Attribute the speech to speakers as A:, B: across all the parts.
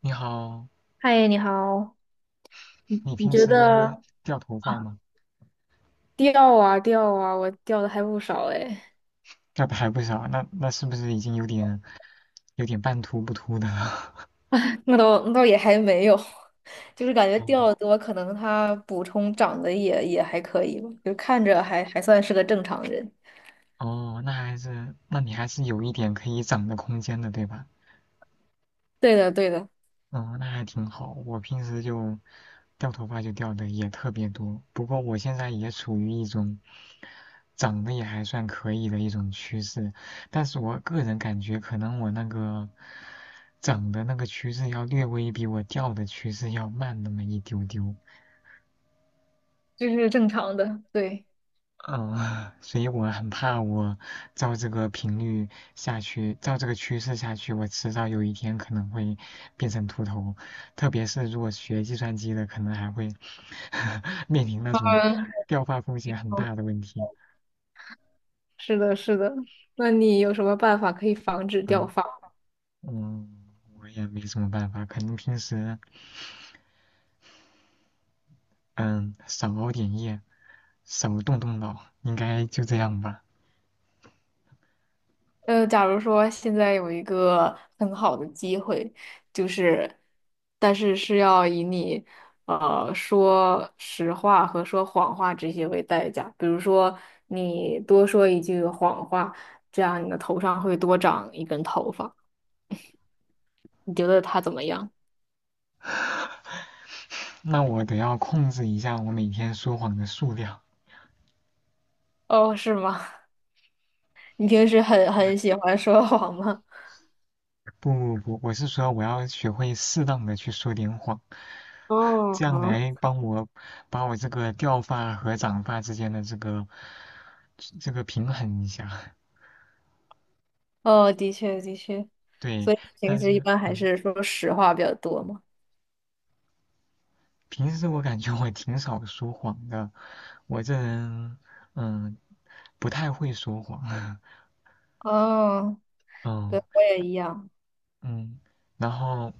A: 你好，
B: 嗨，你好，
A: 你
B: 你
A: 平
B: 觉
A: 时
B: 得
A: 掉头发吗？
B: 掉啊掉啊，我掉的还不少哎，
A: 掉的还不少，那是不是已经有点半秃不秃的了？
B: 那倒那倒也还没有，就是感 觉
A: 哦
B: 掉的多，可能它补充长得也还可以吧，就看着还算是个正常人。
A: 哦，那还是，那你还是有一点可以长的空间的，对吧？
B: 对的，对的，
A: 哦，那还挺好。我平时掉头发掉的也特别多，不过我现在也处于一种长得也还算可以的一种趋势，但是我个人感觉可能我那个长的那个趋势要略微比我掉的趋势要慢那么一丢丢。
B: 这是正常的，对，
A: 嗯，所以我很怕，我照这个频率下去，照这个趋势下去，我迟早有一天可能会变成秃头。特别是如果学计算机的，可能还会 面临那种
B: 嗯，
A: 掉发风险很大的
B: 好，
A: 问题。
B: 是的，是的。那你有什么办法可以防止掉
A: 嗯
B: 发？
A: 嗯，我也没什么办法，可能平时嗯少熬点夜，少动动脑，应该就这样吧。
B: 假如说现在有一个很好的机会，就是，但是是要以你说实话和说谎话这些为代价。比如说，你多说一句谎话，这样你的头上会多长一根头发。你觉得他怎么样？
A: 那我得要控制一下我每天说谎的数量。
B: 哦，是吗？你平时很喜欢说谎吗？
A: 不不不，我是说我要学会适当的去说点谎，这样
B: 哦，
A: 来帮我把我这个掉发和长发之间的这个平衡一下。
B: 哦，的确的确，
A: 对，
B: 所以平
A: 但
B: 时一
A: 是
B: 般还
A: 嗯，
B: 是说实话比较多嘛。
A: 平时我感觉我挺少说谎的，我这人嗯不太会说谎，
B: 哦，
A: 嗯
B: 对，我也一样。
A: 嗯，然后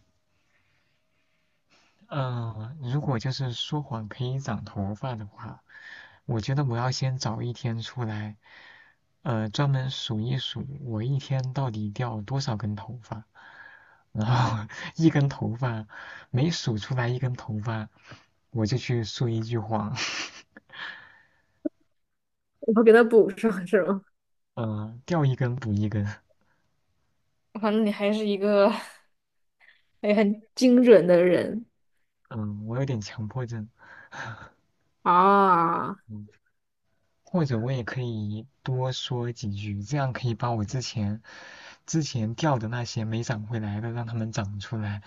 A: 嗯，如果就是说谎可以长头发的话，我觉得我要先找一天出来，专门数一数我一天到底掉多少根头发，然后 一根头发每数出来一根头发，我就去说一句谎，
B: 我后给他补上 是吗？
A: 嗯、掉一根补一根，
B: 反正你还是一个哎，很精准的人。
A: 嗯、我有点强迫症，
B: 啊，
A: 嗯。或者我也可以多说几句，这样可以把我之前掉的那些没长回来的，让它们长出来。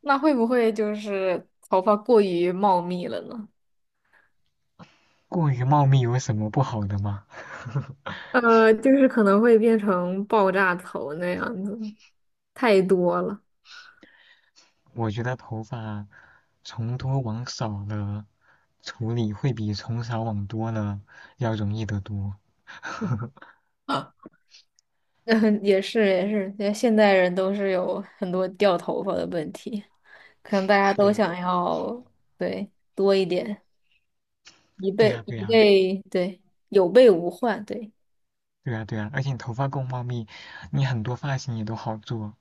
B: 那会不会就是头发过于茂密了呢？
A: 过于茂密有什么不好的吗？
B: 就是可能会变成爆炸头那样子，太多了。
A: 我觉得头发从多往少了处理，会比从少往多了要容易得多。
B: 啊，嗯，也是也是，因为现代人都是有很多掉头发的问题，可能大家
A: 对
B: 都
A: 呀，
B: 想要对多一点，一
A: 对
B: 备
A: 呀，对
B: 一
A: 呀。
B: 备，对有备无患，对。
A: 对啊，对啊，而且你头发够茂密，你很多发型也都好做，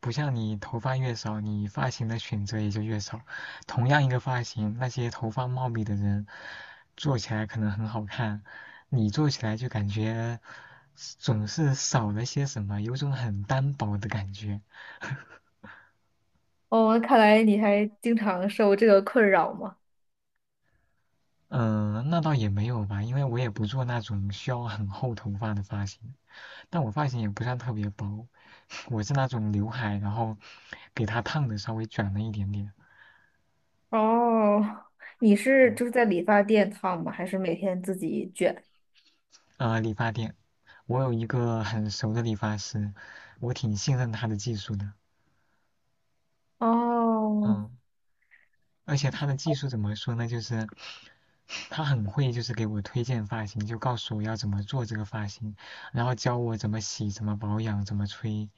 A: 不像你头发越少，你发型的选择也就越少。同样一个发型，那些头发茂密的人做起来可能很好看，你做起来就感觉总是少了些什么，有种很单薄的感觉。
B: 哦，看来你还经常受这个困扰嘛？
A: 嗯，那倒也没有吧，因为我也不做那种需要很厚头发的发型，但我发型也不算特别薄，我是那种刘海，然后给它烫的稍微卷了一点点。
B: 哦，你是
A: 嗯，
B: 就是在理发店烫吗？还是每天自己卷？
A: 理发店，我有一个很熟的理发师，我挺信任他的技术的。
B: 哦，
A: 嗯，而且他的技术怎么说呢？就是他很会，就是给我推荐发型，就告诉我要怎么做这个发型，然后教我怎么洗、怎么保养、怎么吹。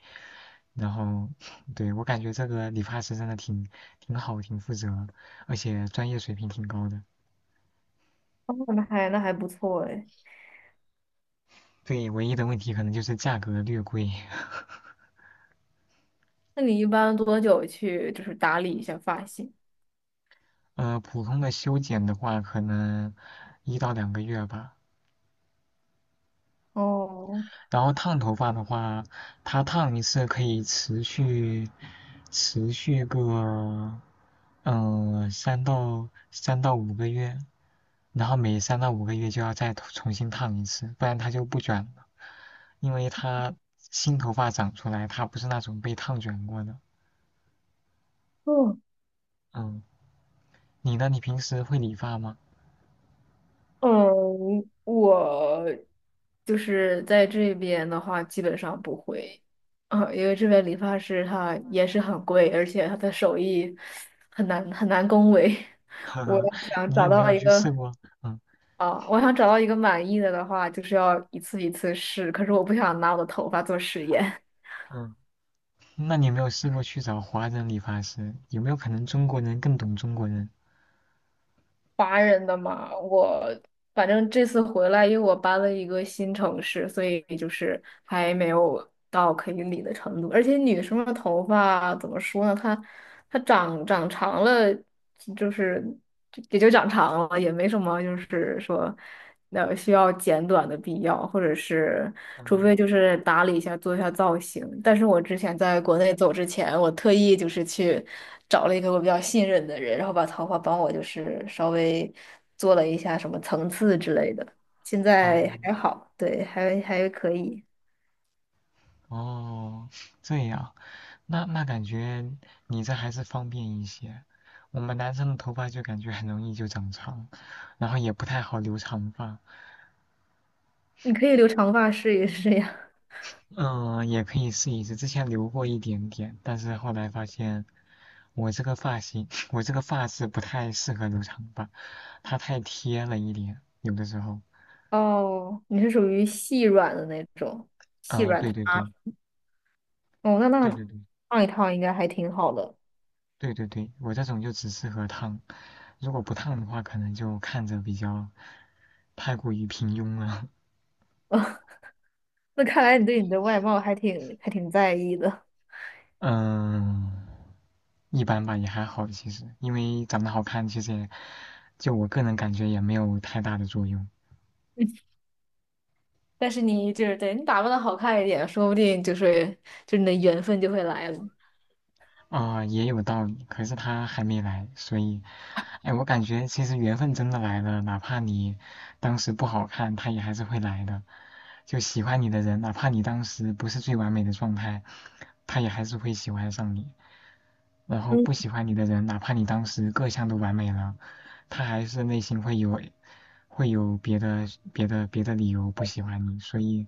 A: 然后，对，我感觉这个理发师真的挺好、挺负责，而且专业水平挺高的。
B: 哦那还不错哎。
A: 对，唯一的问题可能就是价格略贵。
B: 那你一般多久去就是打理一下发型？
A: 呃，普通的修剪的话，可能一到两个月吧。
B: 哦，
A: 然后烫头发的话，它烫一次可以持续个嗯三到五个月，然后每三到五个月就要再重新烫一次，不然它就不卷了，因为它新头发长出来，它不是那种被烫卷过的。
B: 哦，
A: 嗯，你呢？你平时会理发吗？
B: 嗯，我就是在这边的话，基本上不会，啊，因为这边理发师他也是很贵，而且他的手艺很难恭维。我 想
A: 你
B: 找
A: 有没
B: 到
A: 有
B: 一
A: 去试
B: 个
A: 过？嗯。
B: 啊，我想找到一个满意的的话，就是要一次一次试，可是我不想拿我的头发做实验。
A: 嗯那你有没有试过去找华人理发师？有没有可能中国人更懂中国人？
B: 华人的嘛，我反正这次回来，因为我搬了一个新城市，所以就是还没有到可以理的程度。而且女生的头发怎么说呢？她她长长了，就是就也就长长了，也没什么，就是说。那需要剪短的必要，或者是除非
A: 嗯，
B: 就是打理一下，做一下造型。但是我之前在国内走之前，我特意就是去找了一个我比较信任的人，然后把头发帮我就是稍微做了一下什么层次之类的。现
A: 哦
B: 在还好，对，还可以。
A: 哦，这样，那感觉你这还是方便一些。我们男生的头发就感觉很容易就长长，然后也不太好留长发。
B: 你可以留长发试一试呀。
A: 嗯，也可以试一试，之前留过一点点，但是后来发现我这个发型，我这个发质不太适合留长发，它太贴了一点，有的时候。
B: 哦，你是属于细软的那种，细
A: 嗯，
B: 软
A: 对
B: 塌。
A: 对对，
B: 哦，那那
A: 对对对。
B: 烫一烫应该还挺好的。
A: 对对对，我这种就只适合烫，如果不烫的话，可能就看着比较太过于平庸了。
B: 那看来你对你的外貌还挺在意的。
A: 嗯，一般吧，也还好其实，因为长得好看，其实也就我个人感觉也没有太大的作用。
B: 但是你就是对你打扮的好看一点，说不定就是你的缘分就会来了。
A: 啊、也有道理。可是他还没来，所以，哎，我感觉其实缘分真的来了，哪怕你当时不好看，他也还是会来的。就喜欢你的人，哪怕你当时不是最完美的状态，他也还是会喜欢上你。然后
B: 嗯，
A: 不喜欢你的人，哪怕你当时各项都完美了，他还是内心会有别的别的理由不喜欢你。所以，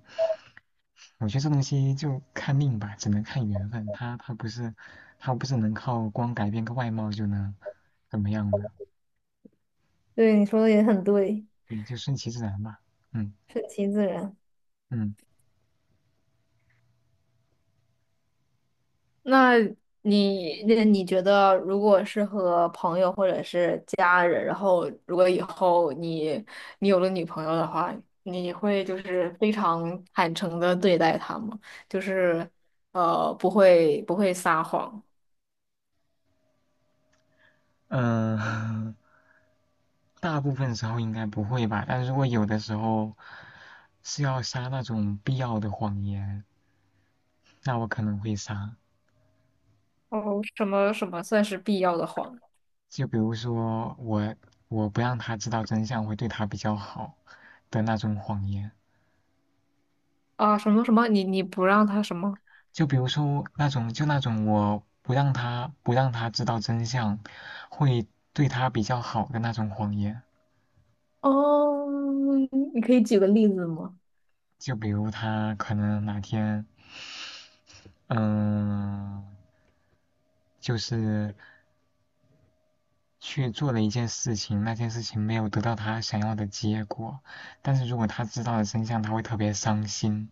A: 我觉得这东西就看命吧，只能看缘分。他不是能靠光改变个外貌就能怎么样的，
B: 对，你说的也很对，
A: 对，就顺其自然吧。嗯
B: 顺其自然。
A: 嗯
B: 那那你觉得，如果是和朋友或者是家人，然后如果以后你有了女朋友的话，你会就是非常坦诚的对待她吗？就是不会撒谎，
A: 嗯、大部分时候应该不会吧，但如果有的时候是要撒那种必要的谎言，那我可能会撒。
B: 哦，什么什么算是必要的谎？
A: 就比如说我不让他知道真相会对他比较好的那种谎言。
B: 啊，什么什么？你不让他什么？
A: 就比如说那种我不让他知道真相，会对他比较好的那种谎言。
B: 哦，你可以举个例子吗？
A: 就比如他可能哪天，嗯，就是去做了一件事情，那件事情没有得到他想要的结果，但是如果他知道了真相，他会特别伤心。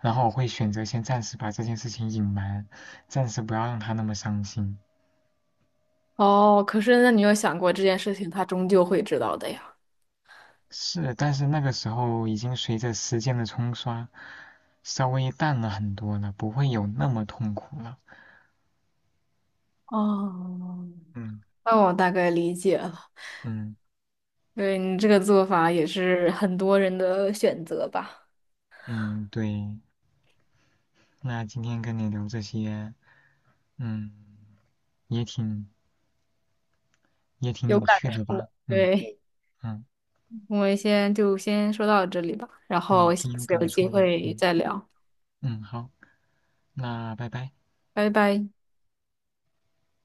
A: 然后我会选择先暂时把这件事情隐瞒，暂时不要让他那么伤心。
B: 哦，可是那你有想过这件事情，他终究会知道的呀。
A: 是，但是那个时候已经随着时间的冲刷，稍微淡了很多了，不会有那么痛苦了。
B: 哦，
A: 嗯
B: 那我大概理解了，
A: 嗯
B: 对你这个做法也是很多人的选择吧，
A: 嗯，对。那今天跟你聊这些，嗯，也挺也挺
B: 有
A: 有
B: 感
A: 趣的
B: 触。
A: 吧？嗯
B: 对，
A: 嗯，
B: 我们先说到这里吧，然
A: 对，
B: 后下
A: 挺有
B: 次
A: 感
B: 有机
A: 触的。
B: 会
A: 嗯
B: 再聊，
A: 嗯，好，那拜拜。
B: 拜拜。